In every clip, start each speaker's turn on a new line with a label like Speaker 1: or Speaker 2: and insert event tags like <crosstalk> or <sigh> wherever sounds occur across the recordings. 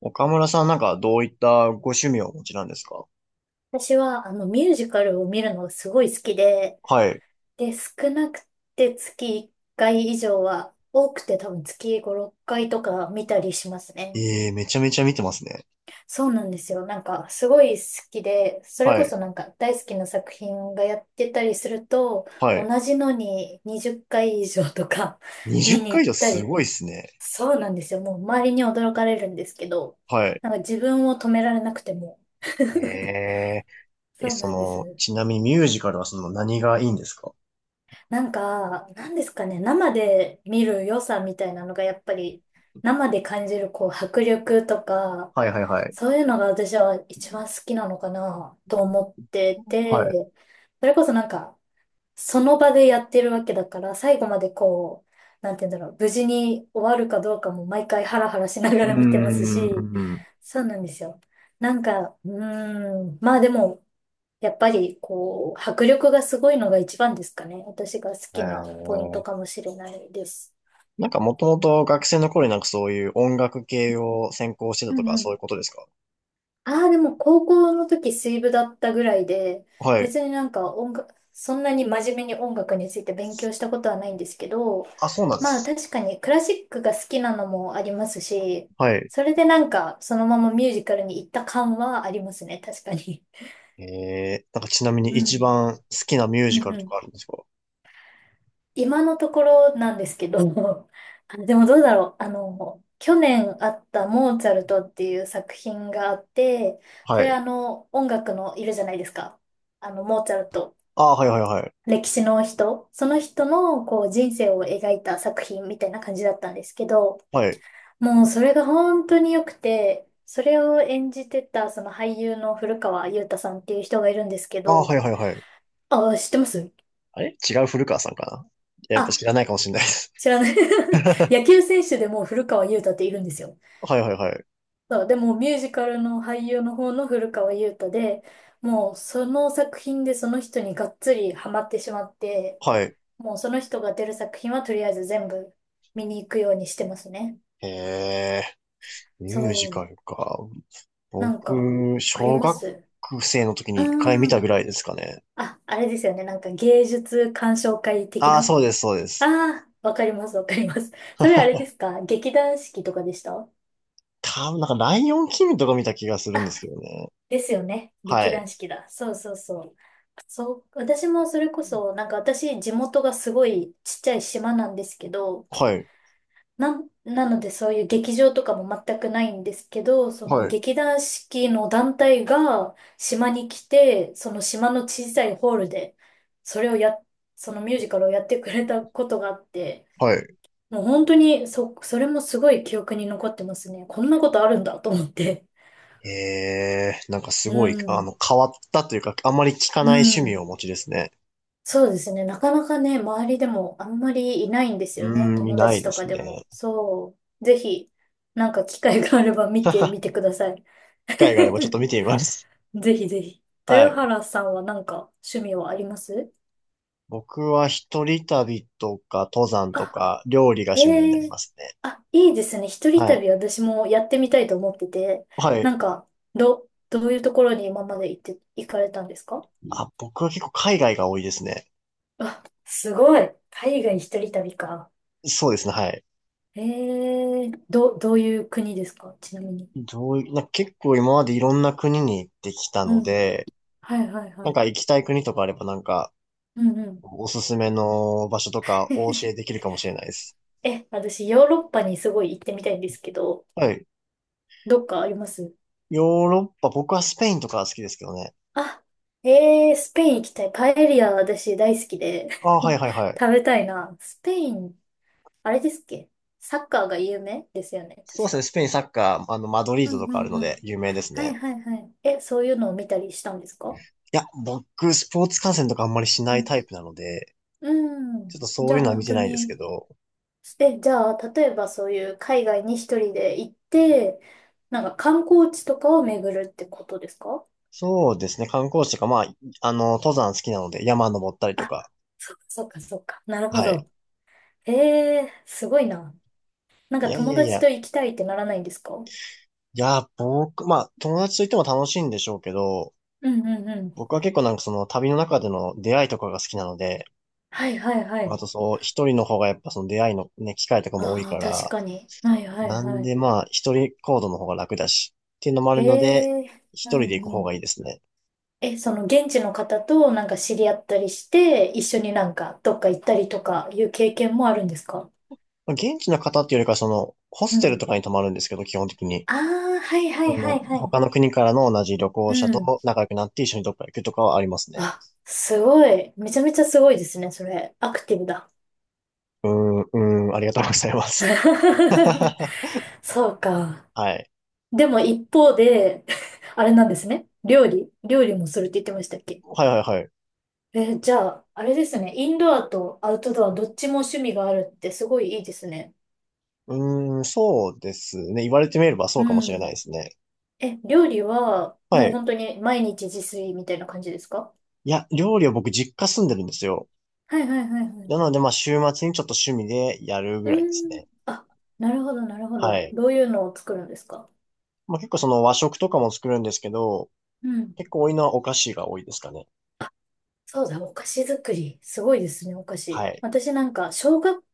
Speaker 1: 岡村さんなんかどういったご趣味をお持ちなんですか？
Speaker 2: 私は、ミュージカルを見るのがすごい好きで、
Speaker 1: はい。
Speaker 2: 少なくて月1回以上は、多くて多分月5、6回とか見たりしますね。
Speaker 1: ええ、めちゃめちゃ見てますね。
Speaker 2: そうなんですよ。すごい好きで、それ
Speaker 1: は
Speaker 2: こ
Speaker 1: い。
Speaker 2: そなんか大好きな作品がやってたりすると、
Speaker 1: は
Speaker 2: 同
Speaker 1: い。
Speaker 2: じのに20回以上とか <laughs>
Speaker 1: 20
Speaker 2: 見に
Speaker 1: 回
Speaker 2: 行
Speaker 1: 以
Speaker 2: っ
Speaker 1: 上
Speaker 2: た
Speaker 1: す
Speaker 2: り、
Speaker 1: ごいっすね。
Speaker 2: そうなんですよ。もう周りに驚かれるんですけど、
Speaker 1: はい。
Speaker 2: なんか自分を止められなくても。
Speaker 1: え
Speaker 2: <laughs>
Speaker 1: え、
Speaker 2: そうなんです。
Speaker 1: ちなみにミュージカルはその何がいいんですか？
Speaker 2: なんか、なんですかね、生で見る良さみたいなのがやっぱり、生で感じるこう迫力とか、
Speaker 1: はいはいはい。
Speaker 2: そういうのが私は一番好きなのかなと思って
Speaker 1: は
Speaker 2: て、
Speaker 1: い。
Speaker 2: それこそその場でやってるわけだから、最後までこう、なんて言うんだろう、無事に終わるかどうかも毎回ハラハラしなが
Speaker 1: うー
Speaker 2: ら見てますし、
Speaker 1: ん。
Speaker 2: そうなんですよ。まあでも、やっぱりこう、迫力がすごいのが一番ですかね。私が好きなポイント
Speaker 1: え
Speaker 2: か
Speaker 1: え、
Speaker 2: もしれないです。
Speaker 1: なんかもともと学生の頃になんかそういう音楽系を専攻してた
Speaker 2: う
Speaker 1: と
Speaker 2: ん
Speaker 1: か
Speaker 2: う
Speaker 1: そう
Speaker 2: ん。
Speaker 1: いうことですか？
Speaker 2: ああ、でも高校の時水部だったぐらいで、
Speaker 1: はい。
Speaker 2: 別に音楽、そんなに真面目に音楽について勉強したことはないんですけど、
Speaker 1: あ、そうなんで
Speaker 2: まあ
Speaker 1: す。
Speaker 2: 確かにクラシックが好きなのもありますし、
Speaker 1: はい。
Speaker 2: それでそのままミュージカルに行った感はありますね、確かに。
Speaker 1: ええ、なんかちなみ
Speaker 2: <laughs>
Speaker 1: に
Speaker 2: う
Speaker 1: 一
Speaker 2: ん。
Speaker 1: 番好きなミュー
Speaker 2: う
Speaker 1: ジカ
Speaker 2: ん
Speaker 1: ル
Speaker 2: う
Speaker 1: と
Speaker 2: ん。
Speaker 1: かあるんですか？
Speaker 2: 今のところなんですけど、<laughs> あでもどうだろう。去年あったモーツァルトっていう作品があって、
Speaker 1: は
Speaker 2: それ
Speaker 1: い。
Speaker 2: あの、音楽のいるじゃないですか。あの、モーツァルト。
Speaker 1: ああ、はいはいはい。
Speaker 2: 歴史の人。その人のこう人生を描いた作品みたいな感じだったんですけど、
Speaker 1: はい。
Speaker 2: もうそれが本当に良くて、それを演じてたその俳優の古川雄太さんっていう人がいるんですけ
Speaker 1: ああ、
Speaker 2: ど、
Speaker 1: はいはいはい。
Speaker 2: あ、知ってます？
Speaker 1: あれ違う古川さんかな、やっぱ
Speaker 2: あ
Speaker 1: 知らないかもしれないです。
Speaker 2: 知らない？ <laughs>
Speaker 1: <laughs>
Speaker 2: 野球選手でも古川優太っているんですよ。
Speaker 1: はいはいはい。
Speaker 2: そう、でもミュージカルの俳優の方の古川優太で、もうその作品でその人にがっつりハマってしまって、
Speaker 1: はい。
Speaker 2: もうその人が出る作品はとりあえず全部見に行くようにしてますね。
Speaker 1: へえ、ミュージ
Speaker 2: そ
Speaker 1: カ
Speaker 2: う、
Speaker 1: ルか。
Speaker 2: なんか、
Speaker 1: 僕、
Speaker 2: あり
Speaker 1: 小
Speaker 2: ま
Speaker 1: 学
Speaker 2: す？
Speaker 1: 生の時
Speaker 2: う
Speaker 1: に一回見
Speaker 2: ー
Speaker 1: た
Speaker 2: ん。
Speaker 1: ぐらいですかね。
Speaker 2: あ、あれですよね。なんか芸術鑑賞会的
Speaker 1: ああ、
Speaker 2: な。
Speaker 1: そうです、そうです。
Speaker 2: ああ、わかります、わかります。それあれですか？劇団四季とかでした？
Speaker 1: 多分なんか、ライオンキングとか見た気がするんです
Speaker 2: あ
Speaker 1: けどね。
Speaker 2: ですよね。
Speaker 1: は
Speaker 2: 劇団
Speaker 1: い。
Speaker 2: 四季だ。そうそうそう。そう、私もそれこそ、私、地元がすごいちっちゃい島なんですけど、
Speaker 1: はい。
Speaker 2: なのでそういう劇場とかも全くないんですけど、その
Speaker 1: はい。
Speaker 2: 劇団四季の団体が島に来て、その島の小さいホールで、それをや、そのミュージカルをやってくれたことがあって、
Speaker 1: はい。
Speaker 2: もう本当に、それもすごい記憶に残ってますね。こんなことあるんだと思って。
Speaker 1: ええ、なんかす
Speaker 2: う
Speaker 1: ごい、
Speaker 2: ん。
Speaker 1: 変わったというか、あんまり聞か
Speaker 2: う
Speaker 1: ない趣味
Speaker 2: ん。
Speaker 1: をお持ちですね。
Speaker 2: そうですね。なかなかね、周りでもあんまりいないんですよ
Speaker 1: う
Speaker 2: ね。
Speaker 1: ーん、い
Speaker 2: 友
Speaker 1: な
Speaker 2: 達
Speaker 1: いで
Speaker 2: とか
Speaker 1: す
Speaker 2: でも。
Speaker 1: ね。
Speaker 2: そう。ぜひ、なんか機会があれば見てみ
Speaker 1: <laughs>
Speaker 2: てください。
Speaker 1: 会があればちょっと
Speaker 2: <laughs>
Speaker 1: 見てみます。
Speaker 2: ぜひぜひ。
Speaker 1: は
Speaker 2: 豊
Speaker 1: い。
Speaker 2: 原さんはなんか趣味はあります？
Speaker 1: 僕は一人旅とか登山と
Speaker 2: あ、
Speaker 1: か料理が
Speaker 2: え
Speaker 1: 趣味になり
Speaker 2: え、
Speaker 1: ますね。
Speaker 2: あ、いいですね。一人
Speaker 1: はい。
Speaker 2: 旅私もやってみたいと思ってて。
Speaker 1: はい。
Speaker 2: なんか、どういうところに今まで行って、行かれたんですか？
Speaker 1: あ、僕は結構海外が多いですね。
Speaker 2: あ、すごい。海外一人旅か。
Speaker 1: そうですね。はい。
Speaker 2: ええ、どういう国ですか、ちなみに。
Speaker 1: どういな、結構今までいろんな国に行ってきた
Speaker 2: う
Speaker 1: の
Speaker 2: ん。
Speaker 1: で、
Speaker 2: はいはいは
Speaker 1: なんか
Speaker 2: い。
Speaker 1: 行きたい国とかあればなんか
Speaker 2: うんうん。
Speaker 1: おすすめの場所とかお教えでき
Speaker 2: <laughs>
Speaker 1: るかもしれないです。
Speaker 2: え、私、ヨーロッパにすごい行ってみたいんですけど、
Speaker 1: はい。
Speaker 2: どっかあります？
Speaker 1: ヨーロッパ、僕はスペインとか好きですけどね。
Speaker 2: あ、えー、スペイン行きたい。パエリア、私大好きで
Speaker 1: ああ、はいはいは
Speaker 2: <laughs>
Speaker 1: い。
Speaker 2: 食べたいな。スペイン、あれですっけ？サッカーが有名ですよね、
Speaker 1: そうで
Speaker 2: 確
Speaker 1: すね。
Speaker 2: か。
Speaker 1: スペインサッカー、マドリー
Speaker 2: うん
Speaker 1: ドと
Speaker 2: う
Speaker 1: かあるの
Speaker 2: んう
Speaker 1: で
Speaker 2: ん。
Speaker 1: 有名です
Speaker 2: はい
Speaker 1: ね。
Speaker 2: はいはい。え、そういうのを見たりしたんですか？
Speaker 1: いや、僕、スポーツ観戦とかあんまりし
Speaker 2: う
Speaker 1: ない
Speaker 2: ん。
Speaker 1: タイプなので、
Speaker 2: う
Speaker 1: ちょっ
Speaker 2: ん。
Speaker 1: とそ
Speaker 2: じ
Speaker 1: う
Speaker 2: ゃ
Speaker 1: い
Speaker 2: あ
Speaker 1: うのは見
Speaker 2: 本
Speaker 1: て
Speaker 2: 当
Speaker 1: ないですけ
Speaker 2: に、
Speaker 1: ど、
Speaker 2: え、じゃあ、例えばそういう海外に一人で行って、なんか観光地とかを巡るってことですか？
Speaker 1: そうですね、観光地とか、まあ、登山好きなので、山登ったりと
Speaker 2: あ、
Speaker 1: か、
Speaker 2: そっかそっかそっか。なるほ
Speaker 1: はい。
Speaker 2: ど。ええ、すごいな。なん
Speaker 1: い
Speaker 2: か
Speaker 1: やい
Speaker 2: 友
Speaker 1: やい
Speaker 2: 達
Speaker 1: や、い
Speaker 2: と行きたいってならないんですか？うん
Speaker 1: や、僕、まあ、友達といても楽しいんでしょうけど、
Speaker 2: うんうん。
Speaker 1: 僕は結構なんかその旅の中での出会いとかが好きなので、
Speaker 2: はいはいは
Speaker 1: あ
Speaker 2: い。
Speaker 1: とそう、一人の方がやっぱその出会いのね、機会とかも多い
Speaker 2: あ
Speaker 1: か
Speaker 2: あ、確
Speaker 1: ら、
Speaker 2: かに。はいはい
Speaker 1: なん
Speaker 2: はい。
Speaker 1: でまあ、一人行動の方が楽だし、っていうのもある
Speaker 2: へ
Speaker 1: ので、
Speaker 2: え、
Speaker 1: 一
Speaker 2: う
Speaker 1: 人で
Speaker 2: ん
Speaker 1: 行く
Speaker 2: う
Speaker 1: 方が
Speaker 2: ん。
Speaker 1: いいですね。
Speaker 2: え、その現地の方となんか知り合ったりして、一緒になんかどっか行ったりとかいう経験もあるんですか？
Speaker 1: まあ現地の方っていうよりか、その、ホ
Speaker 2: う
Speaker 1: ステル
Speaker 2: ん。
Speaker 1: とかに泊まるんですけど、基本的に。
Speaker 2: ああ、はいは
Speaker 1: あ
Speaker 2: いは
Speaker 1: の
Speaker 2: いはい。
Speaker 1: 他の国からの同じ旅
Speaker 2: う
Speaker 1: 行者
Speaker 2: ん。
Speaker 1: と仲良くなって一緒にどっか行くとかはありますね。
Speaker 2: あ、すごい。めちゃめちゃすごいですね、それ。アクティブだ。
Speaker 1: うーん、うーん、ありがとうございます。<laughs>
Speaker 2: <laughs>
Speaker 1: は
Speaker 2: そうか。
Speaker 1: い。
Speaker 2: でも一方で、<laughs> あれなんですね。料理。料理もするって言ってましたっけ？
Speaker 1: はいはいはい。
Speaker 2: え、じゃあ、あれですね。インドアとアウトドアどっちも趣味があるってすごいいいですね。
Speaker 1: うーん、そうですね。言われてみればそうかも
Speaker 2: う
Speaker 1: しれないで
Speaker 2: ん。
Speaker 1: すね。
Speaker 2: え、料理は
Speaker 1: は
Speaker 2: もう
Speaker 1: い。
Speaker 2: 本当に毎日自炊みたいな感じですか？
Speaker 1: いや、料理は僕実家住んでるんですよ。
Speaker 2: はいはいはいはい。
Speaker 1: なので、まあ、週末にちょっと趣味でやるぐ
Speaker 2: う
Speaker 1: らいです
Speaker 2: ーん。
Speaker 1: ね。
Speaker 2: あ、なるほどなるほ
Speaker 1: は
Speaker 2: ど。
Speaker 1: い。
Speaker 2: どういうのを作るんですか？
Speaker 1: まあ、結構その和食とかも作るんですけど、
Speaker 2: うん。
Speaker 1: 結構多いのはお菓子が多いですかね。
Speaker 2: そうだ、お菓子作り。すごいですね、お菓
Speaker 1: は
Speaker 2: 子。
Speaker 1: い。
Speaker 2: 私なんか、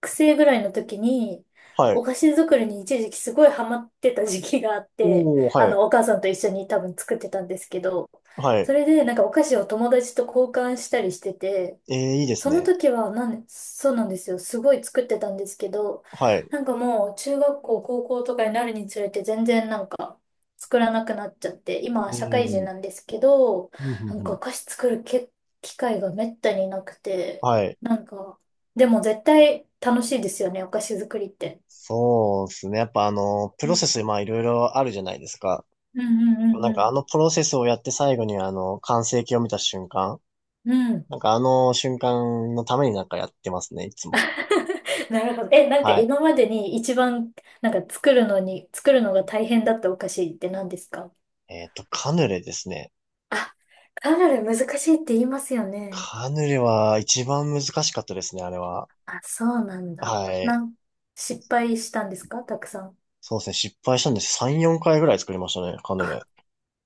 Speaker 2: 学生ぐらいの時に、
Speaker 1: は
Speaker 2: お
Speaker 1: い。
Speaker 2: 菓子作りに一時期すごいハマってた時期があって、
Speaker 1: おー、
Speaker 2: あ
Speaker 1: はい。
Speaker 2: の、お母さんと一緒に多分作ってたんですけど、
Speaker 1: は
Speaker 2: そ
Speaker 1: い。
Speaker 2: れでお菓子を友達と交換したりしてて、
Speaker 1: ええ、いいです
Speaker 2: その
Speaker 1: ね。
Speaker 2: 時はそうなんですよ。すごい作ってたんですけど、
Speaker 1: はい。
Speaker 2: なんかもう中学校、高校とかになるにつれて全然作らなくなっちゃって、今は
Speaker 1: う
Speaker 2: 社会
Speaker 1: ん。
Speaker 2: 人
Speaker 1: うん、
Speaker 2: なんですけど、
Speaker 1: うん、
Speaker 2: なん
Speaker 1: う
Speaker 2: かお
Speaker 1: ん。
Speaker 2: 菓子作るけ機会がめったになくて、
Speaker 1: はい。
Speaker 2: なんかでも絶対楽しいですよね、お菓子作りって。
Speaker 1: そうですね。やっぱあの、プ
Speaker 2: う
Speaker 1: ロセ
Speaker 2: ん。
Speaker 1: ス、まあいろいろあるじゃないですか。
Speaker 2: うんうん
Speaker 1: なん
Speaker 2: う
Speaker 1: かあ
Speaker 2: ん
Speaker 1: のプロセスをやって最後にあの、完成形を見た瞬間。
Speaker 2: うん。うん。
Speaker 1: なんかあの瞬間のためになんかやってますね、いつも。
Speaker 2: <laughs> なるほど。え、
Speaker 1: はい。
Speaker 2: 今までに一番、作るのが大変だったお菓子って何ですか？
Speaker 1: カヌレですね。
Speaker 2: あ、カヌレ難しいって言いますよね。
Speaker 1: カヌレは一番難しかったですね、あれは。
Speaker 2: あ、そうなんだ。
Speaker 1: はい。
Speaker 2: 失敗したんですか、たくさん。
Speaker 1: そうですね。失敗したんです。3、4回ぐらい作りましたね、カヌレ。
Speaker 2: あ、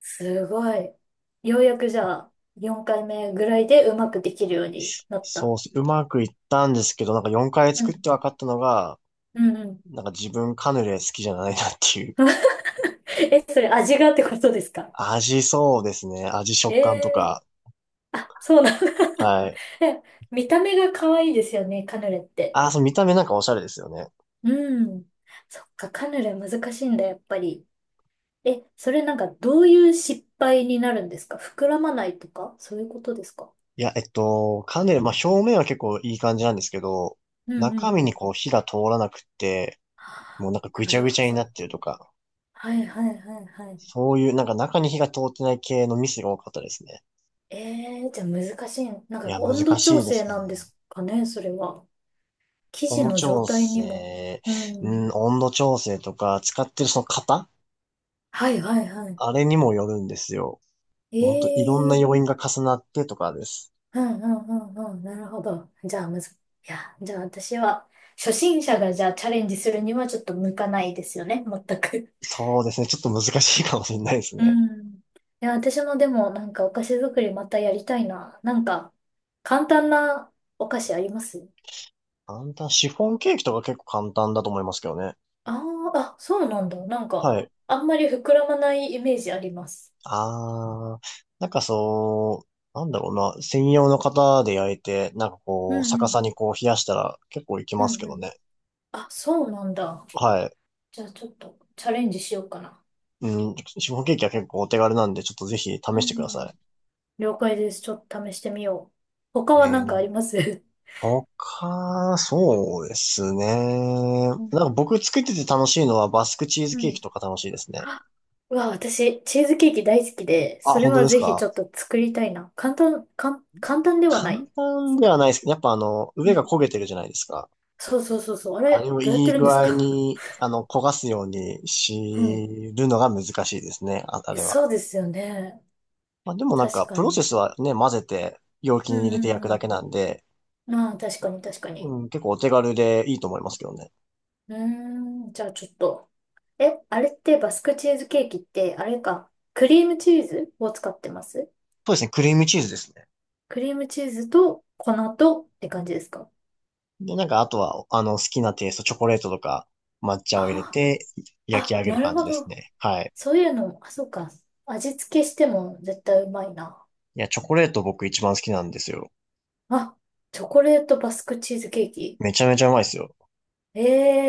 Speaker 2: すごい。ようやくじゃあ、4回目ぐらいでうまくできるようになっ
Speaker 1: そう
Speaker 2: た。
Speaker 1: っす、うまくいったんですけど、なんか4回
Speaker 2: う
Speaker 1: 作っ
Speaker 2: ん。
Speaker 1: て分かったのが、
Speaker 2: うんうん。
Speaker 1: なんか自分カヌレ好きじゃないなっていう。
Speaker 2: <laughs> え、それ味がってことですか？
Speaker 1: <laughs> 味、そうですね。味、
Speaker 2: え
Speaker 1: 食感と
Speaker 2: え、
Speaker 1: か。
Speaker 2: あ、そうなんだ。<laughs>
Speaker 1: はい。
Speaker 2: え、見た目が可愛いですよね、カヌレって。
Speaker 1: あー、そう、見た目なんかおしゃれですよね。
Speaker 2: うん。そっか、カヌレ難しいんだ、やっぱり。え、それなんかどういう失敗になるんですか？膨らまないとかそういうことですか？
Speaker 1: いや、カヌレ、まあ表面は結構いい感じなんですけど、
Speaker 2: うんう
Speaker 1: 中
Speaker 2: ん
Speaker 1: 身
Speaker 2: う
Speaker 1: に
Speaker 2: ん。
Speaker 1: こう火が通らなくって、
Speaker 2: は
Speaker 1: もうなんかぐ
Speaker 2: あ、な
Speaker 1: ちゃ
Speaker 2: る
Speaker 1: ぐ
Speaker 2: ほ
Speaker 1: ちゃにな
Speaker 2: ど。
Speaker 1: ってるとか、
Speaker 2: はいはいはいはい。
Speaker 1: そういうなんか中に火が通ってない系のミスが多かったですね。
Speaker 2: えーじゃあ難しい。なん
Speaker 1: い
Speaker 2: か
Speaker 1: や、難
Speaker 2: 温度
Speaker 1: し
Speaker 2: 調
Speaker 1: いで
Speaker 2: 整
Speaker 1: すね。
Speaker 2: なんですかね、それは。生
Speaker 1: 温
Speaker 2: 地
Speaker 1: 度
Speaker 2: の状
Speaker 1: 調
Speaker 2: 態にも。
Speaker 1: 整、
Speaker 2: う
Speaker 1: う
Speaker 2: ん。
Speaker 1: ん、温度調整とか、使ってるその型
Speaker 2: はいはいは
Speaker 1: あれにもよるんですよ。本当いろんな
Speaker 2: い。
Speaker 1: 要因
Speaker 2: ええ、
Speaker 1: が重なってとかです。
Speaker 2: うんうんうんうん。なるほど。じゃあ、むず、いや、じゃあ私は、初心者がじゃあチャレンジするにはちょっと向かないですよね、全く。
Speaker 1: そうですね。ちょっと難しいかもしれないです
Speaker 2: う
Speaker 1: ね。
Speaker 2: ん。いや、私もでもなんかお菓子作りまたやりたいな。なんか、簡単なお菓子あります？
Speaker 1: 簡単。シフォンケーキとか結構簡単だと思いますけどね。
Speaker 2: あ、あー、あ、そうなんだ。なんか、
Speaker 1: はい。
Speaker 2: あんまり膨らまないイメージあります。
Speaker 1: あー、なんかそう、なんだろうな。専用の型で焼いて、なんか
Speaker 2: う
Speaker 1: こう、
Speaker 2: んう
Speaker 1: 逆さ
Speaker 2: ん。
Speaker 1: にこう冷やしたら結構いき
Speaker 2: う
Speaker 1: ま
Speaker 2: ん
Speaker 1: すけ
Speaker 2: う
Speaker 1: ど
Speaker 2: ん。
Speaker 1: ね。
Speaker 2: あ、そうなんだ。
Speaker 1: はい。
Speaker 2: じゃあちょっとチャレンジしようかな。
Speaker 1: うん、シフォンケーキは結構お手軽なんで、ちょっとぜひ試
Speaker 2: う
Speaker 1: してくだ
Speaker 2: ん。
Speaker 1: さ
Speaker 2: 了解です。ちょっと試してみよう。他
Speaker 1: い。
Speaker 2: は
Speaker 1: え
Speaker 2: 何かあり
Speaker 1: ー、
Speaker 2: ます？
Speaker 1: 他、そうですね。なん
Speaker 2: うん。
Speaker 1: か僕作ってて楽しいのはバスクチーズ
Speaker 2: う
Speaker 1: ケー
Speaker 2: ん、
Speaker 1: キとか楽しいですね。
Speaker 2: あ、うわ、私、チーズケーキ大好きで、
Speaker 1: あ、
Speaker 2: それ
Speaker 1: 本当
Speaker 2: は
Speaker 1: です
Speaker 2: ぜひち
Speaker 1: か？
Speaker 2: ょっと作りたいな。簡単では
Speaker 1: 簡
Speaker 2: ない。
Speaker 1: 単ではないですけど、やっぱあの、
Speaker 2: う
Speaker 1: 上が焦げ
Speaker 2: ん。
Speaker 1: てるじゃないですか。
Speaker 2: そうそうそうそう。あ
Speaker 1: あれ
Speaker 2: れ、
Speaker 1: を
Speaker 2: どうやっ
Speaker 1: い
Speaker 2: て
Speaker 1: い
Speaker 2: るんで
Speaker 1: 具
Speaker 2: す
Speaker 1: 合
Speaker 2: か？
Speaker 1: に、焦がすように
Speaker 2: うん。
Speaker 1: しるのが難しいですね、ああ
Speaker 2: え、
Speaker 1: れは。
Speaker 2: そうですよね。
Speaker 1: まあ、でもなん
Speaker 2: 確
Speaker 1: か、
Speaker 2: か
Speaker 1: プロセ
Speaker 2: に。
Speaker 1: スはね、混ぜて、容器
Speaker 2: う
Speaker 1: に
Speaker 2: ん
Speaker 1: 入れて焼
Speaker 2: う
Speaker 1: く
Speaker 2: んう
Speaker 1: だけ
Speaker 2: ん。
Speaker 1: なんで、
Speaker 2: まあ、確かに確かに。
Speaker 1: うん、結構お手軽でいいと思いますけどね。
Speaker 2: うーん。じゃあちょっと。え、あれってバスクチーズケーキって、あれか、クリームチーズを使ってます？
Speaker 1: そうですね、クリームチーズですね。
Speaker 2: クリームチーズと粉とって感じですか？
Speaker 1: で、なんか、あとは、好きなテイスト、チョコレートとか、抹茶を入れ
Speaker 2: あ、
Speaker 1: て、
Speaker 2: あー、
Speaker 1: 焼き
Speaker 2: あ、
Speaker 1: 上げ
Speaker 2: な
Speaker 1: る
Speaker 2: る
Speaker 1: 感じ
Speaker 2: ほ
Speaker 1: です
Speaker 2: ど。
Speaker 1: ね。はい。
Speaker 2: そういうのも、あ、そうか。味付けしても絶対うまいな。
Speaker 1: いや、チョコレート僕一番好きなんですよ。
Speaker 2: あ、チョコレートバスクチーズケーキ。
Speaker 1: めちゃめちゃうまいですよ。
Speaker 2: え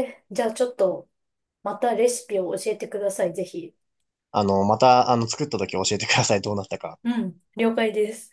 Speaker 2: え、じゃあちょっと、またレシピを教えてください、ぜひ。
Speaker 1: また、作った時教えてください。どうなったか。
Speaker 2: うん、了解です。